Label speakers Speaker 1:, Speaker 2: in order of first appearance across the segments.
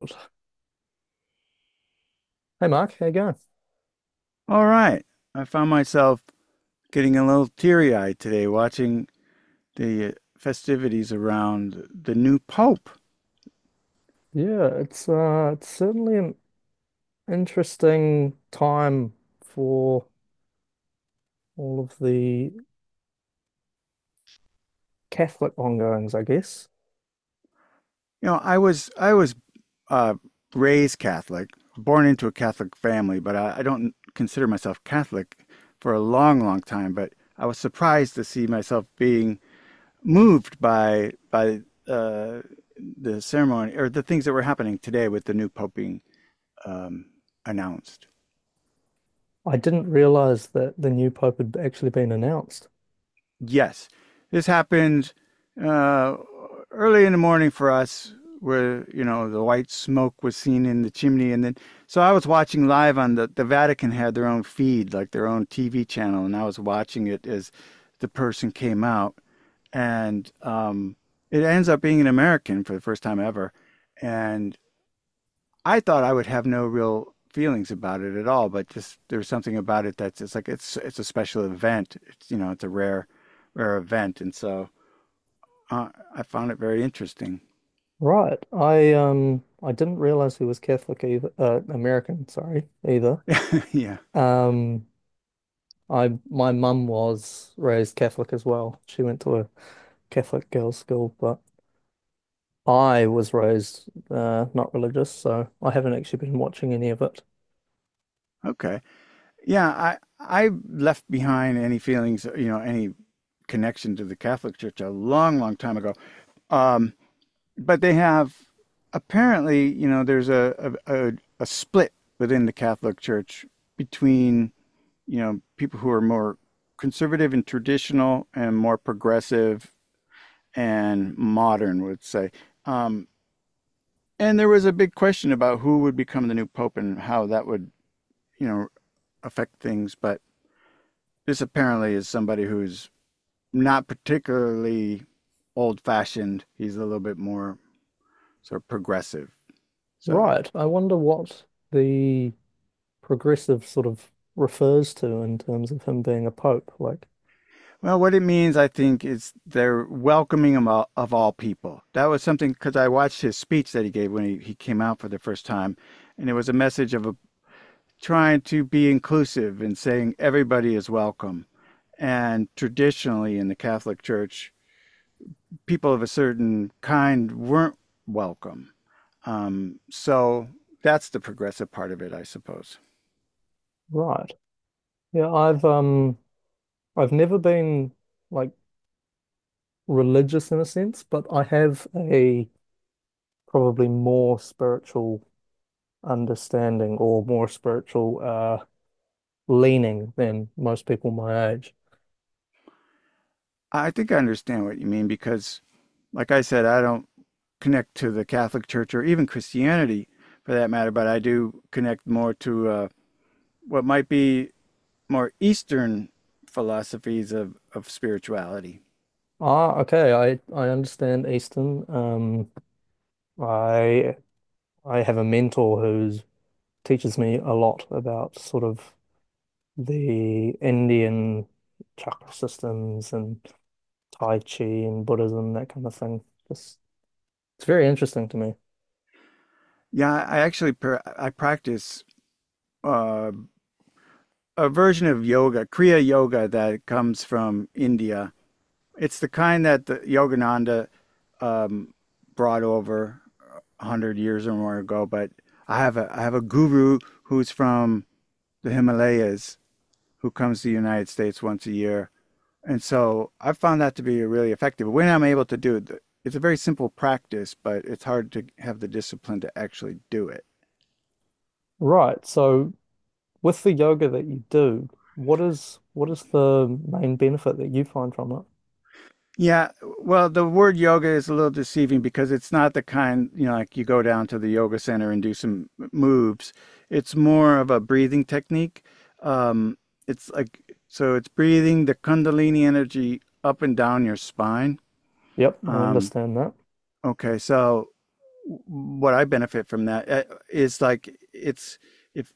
Speaker 1: Hey Mark, how you going?
Speaker 2: All right. I found myself getting a little teary eyed today watching the festivities around the new pope.
Speaker 1: Yeah, it's certainly an interesting time for all of the Catholic ongoings, I guess.
Speaker 2: You know, I was uh, raised Catholic, born into a Catholic family, but I don't consider myself Catholic for a long, long time. But I was surprised to see myself being moved by uh, the ceremony or the things that were happening today with the new pope being um, announced.
Speaker 1: I didn't realize that the new pope had actually been announced.
Speaker 2: Yes, this happened uh, early in the morning for us, where you know the white smoke was seen in the chimney, and then so I was watching live on the Vatican had their own feed, like their own TV channel, and I was watching it as the person came out, and it ends up being an American for the first time ever, and I thought I would have no real feelings about it at all, but just there's something about it that's it's like it's a special event. It's you know it's a rare rare event, and so I found it very interesting.
Speaker 1: Right. I didn't realize he was Catholic either, American, sorry, either.
Speaker 2: Yeah.
Speaker 1: Um I my mum was raised Catholic as well. She went to a Catholic girls' school, but I was raised not religious, so I haven't actually been watching any of it.
Speaker 2: Okay. Yeah. I left behind any feelings, you know, any connection to the Catholic Church a long, long time ago. Um, but they have apparently, you know, there's a split within the Catholic Church between, you know, people who are more conservative and traditional and more progressive and modern would say. Um, and there was a big question about who would become the new pope and how that would, you know, affect things. But this apparently is somebody who's not particularly old fashioned. He's a little bit more sort of progressive. So.
Speaker 1: Right. I wonder what the progressive sort of refers to in terms of him being a pope. Like,
Speaker 2: Well, what it means, I think, is they're welcoming him all, of all people. That was something because I watched his speech that he gave when he came out for the first time, and it was a message of a, trying to be inclusive and saying everybody is welcome. And traditionally in the Catholic Church, people of a certain kind weren't welcome. So that's the progressive part of it, I suppose.
Speaker 1: right. Yeah, I've never been like religious in a sense, but I have a probably more spiritual understanding or more spiritual leaning than most people my age.
Speaker 2: I think I understand what you mean because, like I said, I don't connect to the Catholic Church or even Christianity for that matter, but I do connect more to what might be more Eastern philosophies of spirituality.
Speaker 1: Ah, okay, I understand Eastern. I I have a mentor who teaches me a lot about sort of the Indian chakra systems and Tai Chi and Buddhism, that kind of thing. It's, it's very interesting to me.
Speaker 2: Yeah, I practice uh, a version of yoga, Kriya Yoga, that comes from India. It's the kind that the Yogananda um, brought over a hundred years or more ago. But I have a guru who's from the Himalayas, who comes to the United States once a year. And so I found that to be really effective. When I'm able to do it, it's a very simple practice, but it's hard to have the discipline to actually do it.
Speaker 1: Right. So with the yoga that you do, what is the main benefit that you find from it?
Speaker 2: Yeah, well, the word yoga is a little deceiving because it's not the kind, you know, like you go down to the yoga center and do some moves. It's more of a breathing technique. Um, it's like, so it's breathing the Kundalini energy up and down your spine.
Speaker 1: Yep, I
Speaker 2: Um,
Speaker 1: understand that.
Speaker 2: okay, so what I benefit from that is like it's if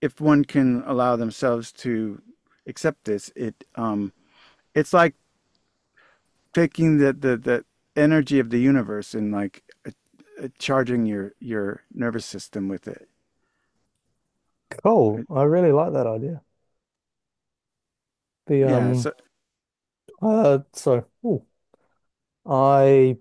Speaker 2: if one can allow themselves to accept this, it's like taking the the energy of the universe and charging your nervous system with it.
Speaker 1: Cool.
Speaker 2: It-
Speaker 1: I really like that idea. The
Speaker 2: yeah.
Speaker 1: um
Speaker 2: So,
Speaker 1: uh so ooh, I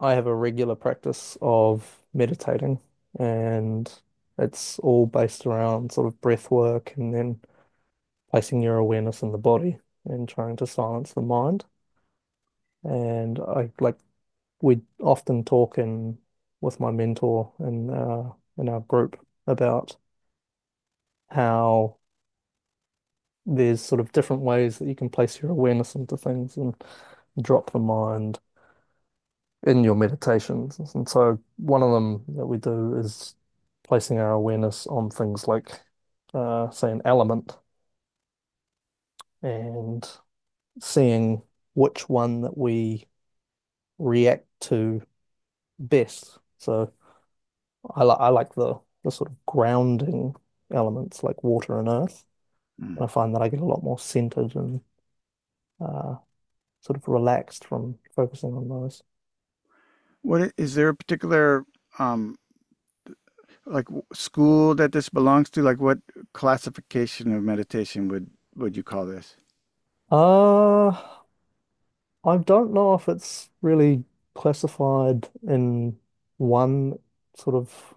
Speaker 1: I have a regular practice of meditating, and it's all based around sort of breath work and then placing your awareness in the body and trying to silence the mind. And I like we often talk in with my mentor in our group about how there's sort of different ways that you can place your awareness into things and drop the mind in your meditations. And so one of them that we do is placing our awareness on things like, say, an element and seeing which one that we react to best. So I like the sort of grounding elements like water and earth.
Speaker 2: mm.
Speaker 1: And I find that I get a lot more centered and uh, sort of relaxed from focusing on those.
Speaker 2: What is there a particular um like school that this belongs to? Like, what classification of meditation would you call this?
Speaker 1: Uh, I don't know if it's really classified in one sort of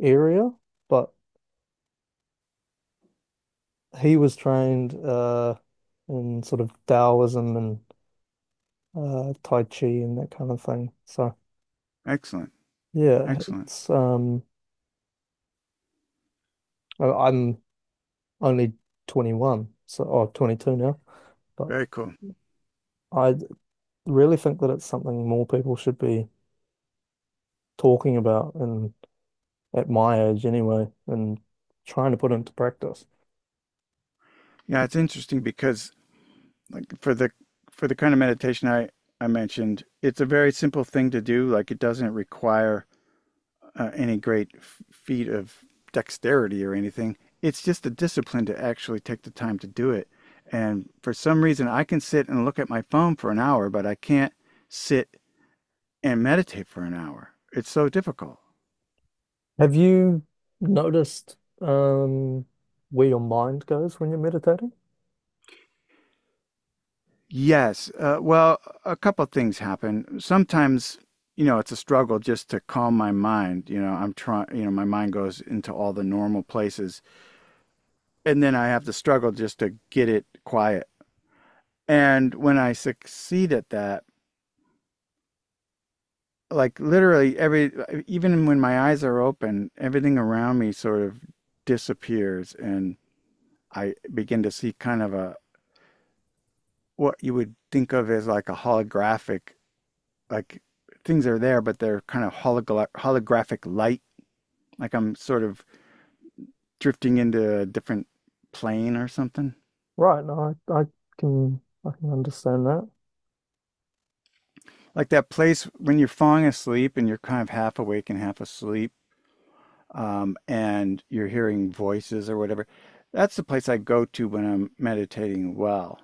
Speaker 1: area, but he was trained in sort of Taoism and Tai Chi and that kind of thing. So
Speaker 2: Excellent.
Speaker 1: yeah,
Speaker 2: Excellent.
Speaker 1: it's I'm only 21, so or 22 now, but
Speaker 2: Very cool.
Speaker 1: I really think that it's something more people should be talking about and at my age anyway, and trying to put into practice.
Speaker 2: Yeah, it's interesting because like for the kind of meditation I mentioned, it's a very simple thing to do. Like it doesn't require any great feat of dexterity or anything. It's just a discipline to actually take the time to do it. And for some reason, I can sit and look at my phone for an hour, but I can't sit and meditate for an hour. It's so difficult.
Speaker 1: Have you noticed where your mind goes when you're meditating?
Speaker 2: Yes. Well, a couple of things happen. Sometimes, you know, it's a struggle just to calm my mind. You know, I'm trying, you know, my mind goes into all the normal places. And then I have to struggle just to get it quiet. And when I succeed at that, like literally every, even when my eyes are open, everything around me sort of disappears. And I begin to see kind of what you would think of as like a holographic, like things are there, but they're kind of holographic light. Like I'm sort of drifting into a different plane or something.
Speaker 1: Right, no, I can understand that.
Speaker 2: Like that place when you're falling asleep and you're kind of half awake and half asleep, and you're hearing voices or whatever. That's the place I go to when I'm meditating well.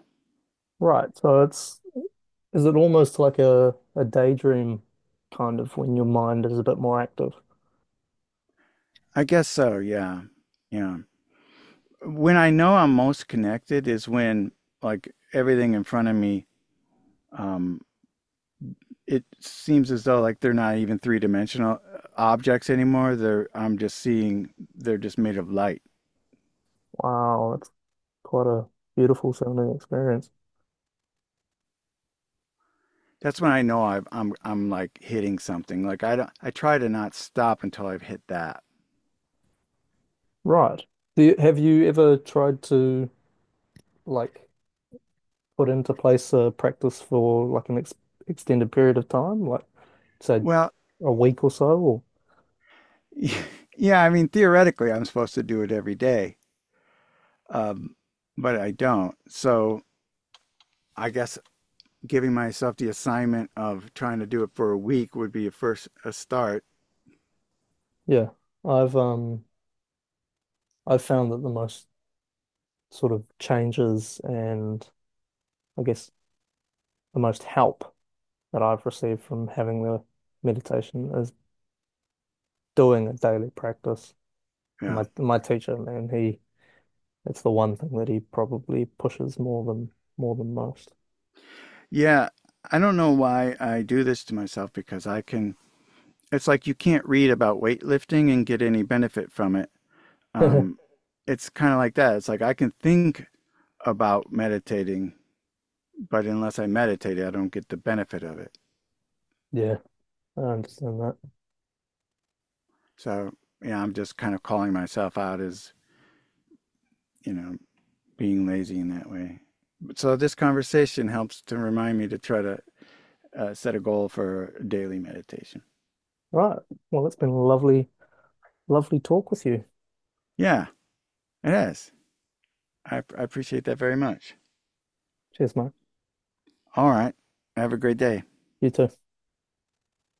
Speaker 1: Right, so it's is it almost like a daydream kind of when your mind is a bit more active?
Speaker 2: I guess so, yeah. Yeah. When I know I'm most connected is when like everything in front of me um, it seems as though like they're not even three-dimensional objects anymore. They're I'm just seeing they're just made of light.
Speaker 1: Wow, that's quite a beautiful sounding experience.
Speaker 2: That's when I know I'm like hitting something. Like I try to not stop until I've hit that.
Speaker 1: Right. Do you, have you ever tried to like put into place a practice for like an ex extended period of time, like say
Speaker 2: Well,
Speaker 1: a week or so? Or
Speaker 2: yeah, I mean theoretically I'm supposed to do it every day, um, but I don't. So I guess giving myself the assignment of trying to do it for a week would be a start.
Speaker 1: yeah, I've um. I've found that the most sort of changes and I guess the most help that I've received from having the meditation is doing a daily practice. And
Speaker 2: Yeah,
Speaker 1: my teacher, man, he it's the one thing that he probably pushes more than most.
Speaker 2: yeah. I don't know why I do this to myself because I can it's like you can't read about weightlifting and get any benefit from it. Um, it's kind of like that. It's like I can think about meditating, but unless I meditate, I don't get the benefit of it.
Speaker 1: Yeah, I understand that.
Speaker 2: So, yeah, I'm just kind of calling myself out as, you know, being lazy in that way. So, this conversation helps to remind me to try to set a goal for daily meditation.
Speaker 1: Right. Well, it's been a lovely, lovely talk with you.
Speaker 2: Yeah, it is. I appreciate that very much.
Speaker 1: Cheers, mate.
Speaker 2: All right. Have a great day.
Speaker 1: You too.